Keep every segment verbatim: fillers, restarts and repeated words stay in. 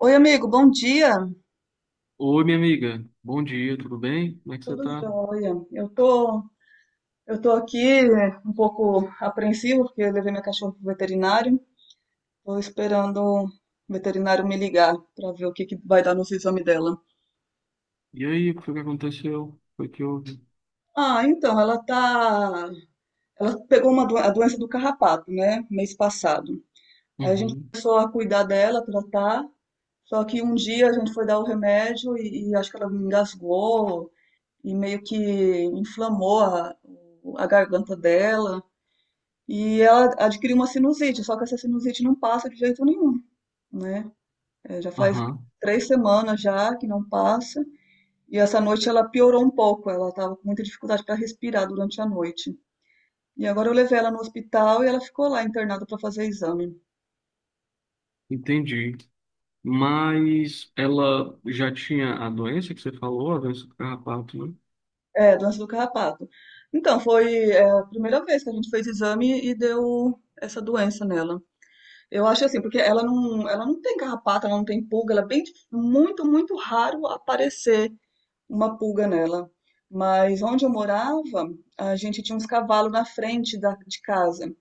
Oi, amigo, bom dia. Oi, minha amiga. Bom dia, tudo bem? Como é que você Tudo tá? jóia. Eu tô, eu tô aqui né, um pouco apreensivo porque eu levei minha cachorra pro veterinário. Tô esperando o veterinário me ligar para ver o que que vai dar nos exames dela. E aí, o que foi que aconteceu? Foi que houve? Ah, então, ela tá, ela pegou uma doen- a doença do carrapato, né, mês passado. Aí a gente Uhum. começou a cuidar dela, tratar. Só que um dia a gente foi dar o remédio e, e acho que ela engasgou e meio que inflamou a, a garganta dela. E ela adquiriu uma sinusite, só que essa sinusite não passa de jeito nenhum, né? Eh, já faz Aham, três semanas já que não passa. E essa noite ela piorou um pouco, ela estava com muita dificuldade para respirar durante a noite. E agora eu levei ela no hospital e ela ficou lá internada para fazer exame. entendi. Mas ela já tinha a doença que você falou, a doença do carrapato, né? É, doença do carrapato. Então, foi, é, a primeira vez que a gente fez exame e deu essa doença nela. Eu acho assim, porque ela não, ela não tem carrapato, ela não tem pulga, ela é bem, dif- muito, muito raro aparecer uma pulga nela. Mas onde eu morava, a gente tinha uns cavalos na frente da, de casa.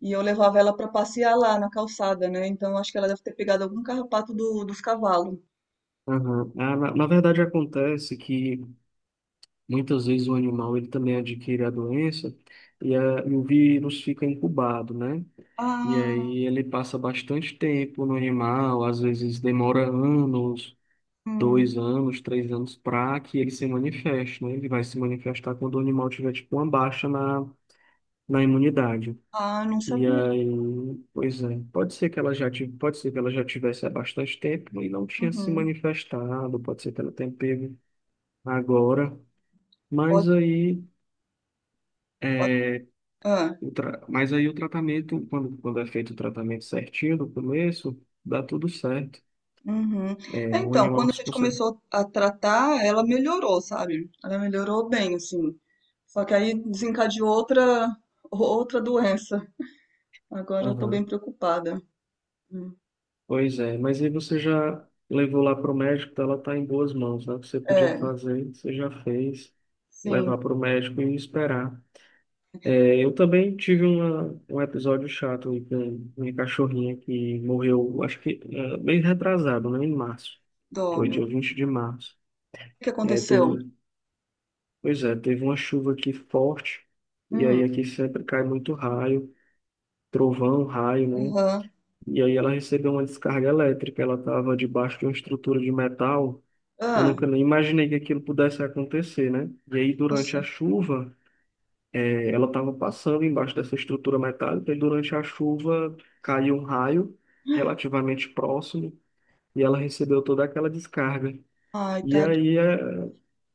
E eu levava ela para passear lá na calçada, né? Então acho que ela deve ter pegado algum carrapato do- dos cavalos. Aham. Ah, na, na verdade, acontece que muitas vezes o animal ele também adquire a doença e, a, e o vírus fica incubado, né? E Ah, aí ele passa bastante tempo no animal, às vezes demora anos. hum, Dois anos, três anos, para que ele se manifeste, né? Ele vai se manifestar quando o animal tiver, tipo, uma baixa na, na imunidade. ah, não E sabia. aí, pois é, pode ser que ela já tive, pode ser que ela já tivesse há bastante tempo e não tinha se Uhum. manifestado, pode ser que ela tenha pego agora, Pode, mas aí pode. é, Ah, o tra- mas aí o tratamento, quando, quando é feito o tratamento certinho no começo, dá tudo certo. uhum. É, É, o então, animal quando a se gente consegue. começou a tratar, ela melhorou, sabe? Ela melhorou bem, assim. Só que aí desencadeou outra, outra doença. Agora eu tô bem preocupada. Hum. Pois é, mas aí você já levou lá para o médico, então ela está em boas mãos, né? O que você podia É. fazer, você já fez, Sim, levar para o médico e esperar. É, eu também tive uma, um episódio chato aí com minha cachorrinha que morreu, acho que é, bem retrasado, né? Em março. dó, Foi meu dia Deus. vinte de março. O que É, aconteceu? teve, pois é, teve uma chuva aqui forte, e Hum, aí aqui sempre cai muito raio, trovão, raio, né? aham. E aí ela recebeu uma descarga elétrica, ela estava debaixo de uma estrutura de metal. Eu Ah, nunca nem imaginei que aquilo pudesse acontecer, né? E aí, durante nossa. a chuva, eh, ela estava passando embaixo dessa estrutura metálica, e durante a chuva caiu um raio relativamente próximo, e ela recebeu toda aquela descarga. Ai, E tá de aí, eh,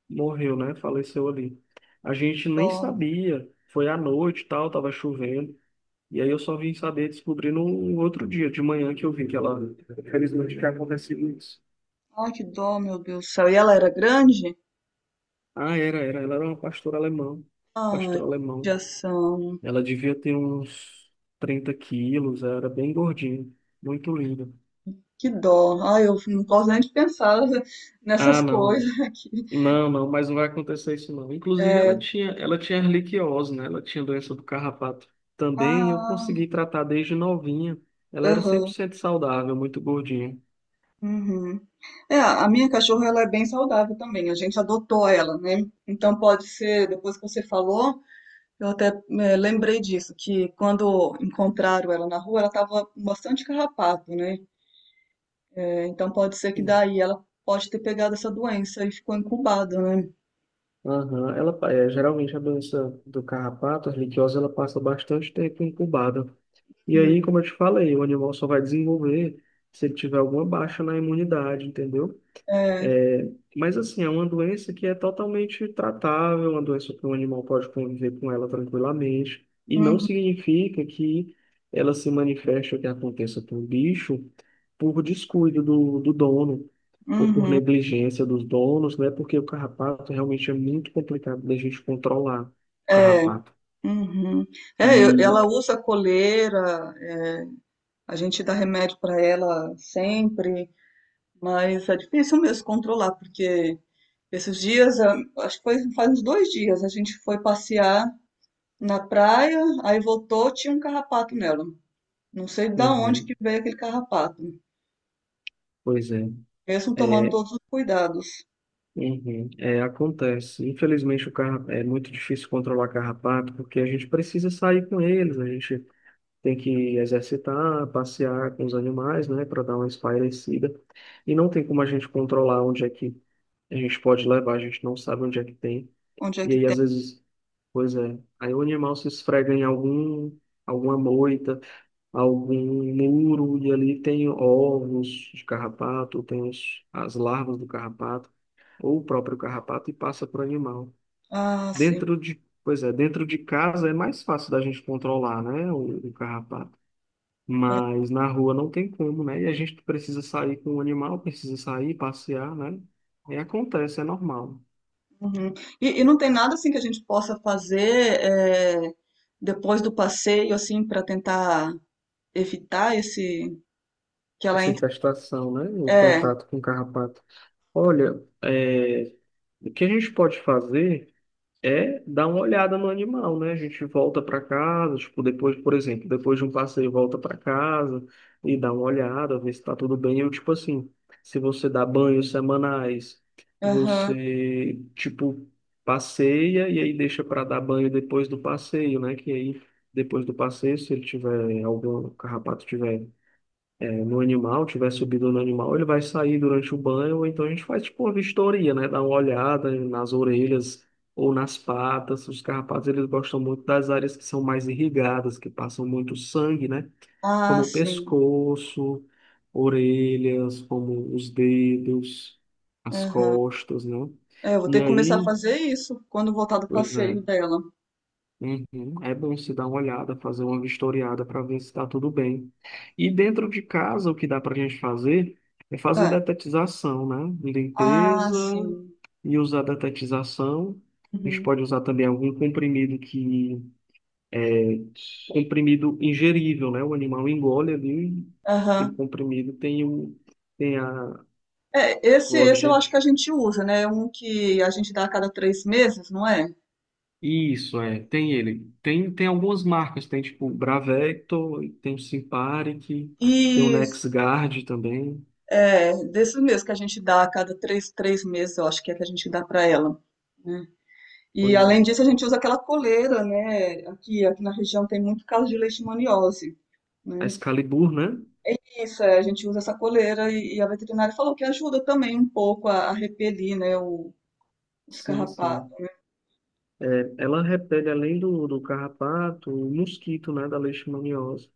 morreu, né? Faleceu ali. A gente nem dó. sabia, foi à noite e tal, estava chovendo. E aí eu só vim saber, descobrir no outro dia, de manhã, que eu vi que ela, felizmente, tinha acontecido isso. Ai, que dó, meu Deus do céu. E ela era grande? Ah, era, era. Ela era uma pastora alemã. Ai, Pastor que alemão. judiação. Ela devia ter uns trinta quilos, era bem gordinha, muito linda. Que dó. Ai, eu não posso nem pensar nessas Ah, não. coisas aqui. Não, não, mas não vai acontecer isso não. Inclusive, É, ela tinha, ela tinha erliquiose, né? Ela tinha doença do carrapato também, e eu ah, consegui tratar desde novinha. Ela era cem por aham. cento saudável, muito gordinha. Uhum. É, a minha cachorra ela é bem saudável também. A gente adotou ela, né? Então pode ser, depois que você falou, eu até eh, lembrei disso, que quando encontraram ela na rua, ela estava com bastante carrapato, né? Eh, Então pode ser que Sim. daí ela pode ter pegado essa doença e ficou incubada, né? Aham. Ela, pa- é, geralmente a doença do carrapato, a erliquiose, ela passa bastante tempo incubada. E Hum. aí, como eu te falei, o animal só vai desenvolver se ele tiver alguma baixa na imunidade, entendeu? É, É, mas assim, é uma doença que é totalmente tratável, uma doença que o animal pode conviver com ela tranquilamente, e não uhum, significa que ela se manifeste ou que aconteça com o bicho por descuido do, do dono ou por uhum, negligência dos donos, né? Porque o carrapato realmente é muito complicado da gente controlar o é, carrapato. uhum. É, eu- E, ela usa coleira, é, a gente dá remédio para ela sempre, mas é difícil mesmo controlar, porque esses dias, ah, acho que foi faz uns dois dias, a gente foi passear na praia, aí voltou, tinha um carrapato nela. Não sei da onde uhum, que veio aquele carrapato, pois é. mesmo tomando É, todos os cuidados. Uhum. É, acontece. Infelizmente, o carro é muito difícil controlar carrapato, porque a gente precisa sair com eles, a gente tem que exercitar, passear com os animais, né, para dar uma espairecida. E não tem como a gente controlar onde é que a gente pode levar, a gente não sabe onde é que tem. Onde é E que aí, tem? às vezes, pois é, aí o animal se esfrega em algum, alguma moita, algum muro, e ali tem ovos de carrapato, tem os, as larvas do carrapato ou o próprio carrapato e passa para o animal. Ah, sim. Dentro de, pois é, dentro de casa é mais fácil da gente controlar, né, o, o carrapato. Mas na rua não tem como, né? E a gente precisa sair com o animal, precisa sair, passear, né? E acontece, é normal. Uhum. E, e não tem nada assim que a gente possa fazer eh, depois do passeio, assim, para tentar evitar esse que ela Essa entre. infestação, né? O É, contato com o carrapato. Olha, é, o que a gente pode fazer? É dar uma olhada no animal, né? A gente volta para casa, tipo, depois, por exemplo, depois de um passeio, volta para casa e dá uma olhada, ver se tá tudo bem. Eu, tipo assim, se você dá banhos semanais, aham. você, tipo, passeia e aí deixa para dar banho depois do passeio, né? Que aí, depois do passeio, se ele tiver algum carrapato tiver no animal, tiver subido no animal, ele vai sair durante o banho, ou então a gente faz tipo uma vistoria, né? Dá uma olhada nas orelhas ou nas patas. Os carrapatos, eles gostam muito das áreas que são mais irrigadas, que passam muito sangue, né? Ah, Como o sim. pescoço, orelhas, como os dedos, as Aham. costas, né? É, eu vou E ter que começar a aí, fazer isso quando voltar do pois é. passeio dela. Uhum. É bom se dar uma olhada, fazer uma vistoriada para ver se está tudo bem. E dentro de casa, o que dá para a gente fazer é fazer É. detetização, né? Ah, Limpeza sim. e usar detetização. A gente Uhum. pode usar também algum comprimido que... Comprimido ingerível, né? O animal engole ali, aquele Aham. comprimido tem, o... tem a... É, esse, o esse eu acho que a objeto. gente usa, né? Um que a gente dá a cada três meses, não é? Isso, é, tem ele. Tem, tem algumas marcas, tem tipo o Bravecto, tem o Simparic, tem o E NexGard também. é, desses mesmo que a gente dá a cada três, três meses, eu acho que é que a gente dá para ela, né? E Pois é. além disso, a gente usa aquela coleira, né? Aqui, aqui na região tem muito caso de leishmaniose. A Né? Excalibur, né? Isso, é, a gente usa essa coleira e, e a veterinária falou que ajuda também um pouco a, a repelir, né, o, os Sim, carrapatos. sim. É, ela repele além do, do carrapato, o mosquito, né, da leishmaniose.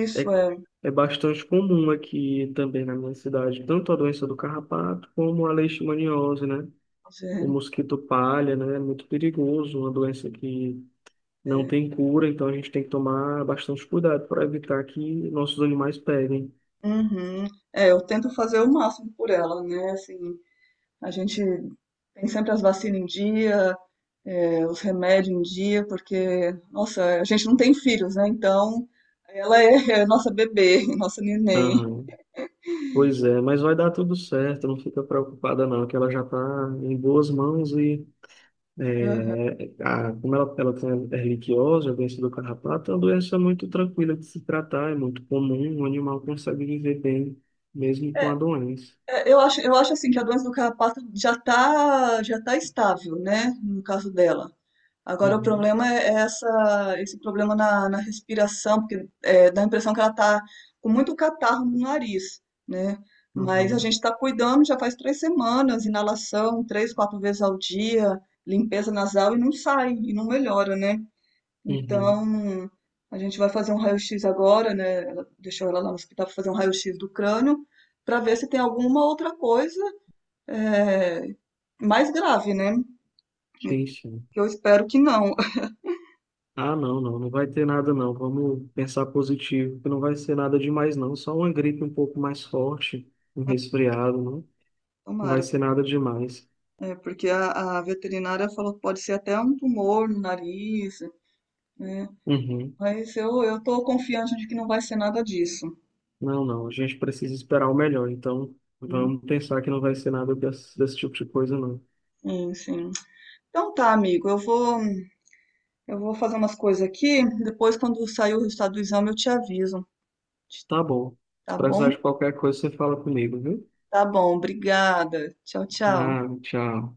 Isso, É, é. é bastante comum aqui também na minha cidade, tanto a doença do carrapato como a leishmaniose, né? Pois O é. mosquito palha, né? É muito perigoso, uma doença que não tem cura, então a gente tem que tomar bastante cuidado para evitar que nossos animais peguem. Uhum. É, eu tento fazer o máximo por ela, né? Assim, a gente tem sempre as vacinas em dia, é, os remédios em dia, porque, nossa, a gente não tem filhos, né? Então, ela é, é nossa bebê, nossa neném. Aham. Pois é, mas vai dar tudo certo, não fica preocupada não, que ela já está em boas mãos e Aham. é, a- como ela, ela tem erliquiose, a doença do carrapato, é uma doença muito tranquila de se tratar, é muito comum, o animal consegue viver bem mesmo com a É, doença. é, eu acho, eu acho assim que a doença do carrapato já está já tá estável, né? No caso dela. Agora, o Uhum, problema é essa, esse problema na, na respiração, porque é, dá a impressão que ela está com muito catarro no nariz, né? Mas a gente uhum, está cuidando já faz três semanas, inalação três, quatro vezes ao dia, limpeza nasal e não sai, e não melhora, né? uhum. Então, a gente vai fazer um raio-x agora, né? Ela deixou ela lá no hospital para fazer um raio-x do crânio, para ver se tem alguma outra coisa é, mais grave, né? Sim, sim. Eu espero que não. Ah, não, não, não vai ter nada não. Vamos pensar positivo, que não vai ser nada demais não. Só uma gripe um pouco mais forte, um resfriado, não. Não vai Tomara. ser nada demais. É, porque a, a veterinária falou que pode ser até um tumor no nariz, né? Uhum. Mas eu, eu tô confiante de que não vai ser nada disso. Não, não, a gente precisa esperar o melhor. Então, Né? vamos pensar que não vai ser nada desse, desse tipo de coisa não. Sim, sim. Então tá, amigo, eu vou, eu vou fazer umas coisas aqui. Depois, quando sair o resultado do exame, eu te aviso. Tá bom. Tá Se precisar bom? de qualquer coisa, você fala comigo, viu? Tá bom, obrigada. Tchau, tchau. Ah, tchau.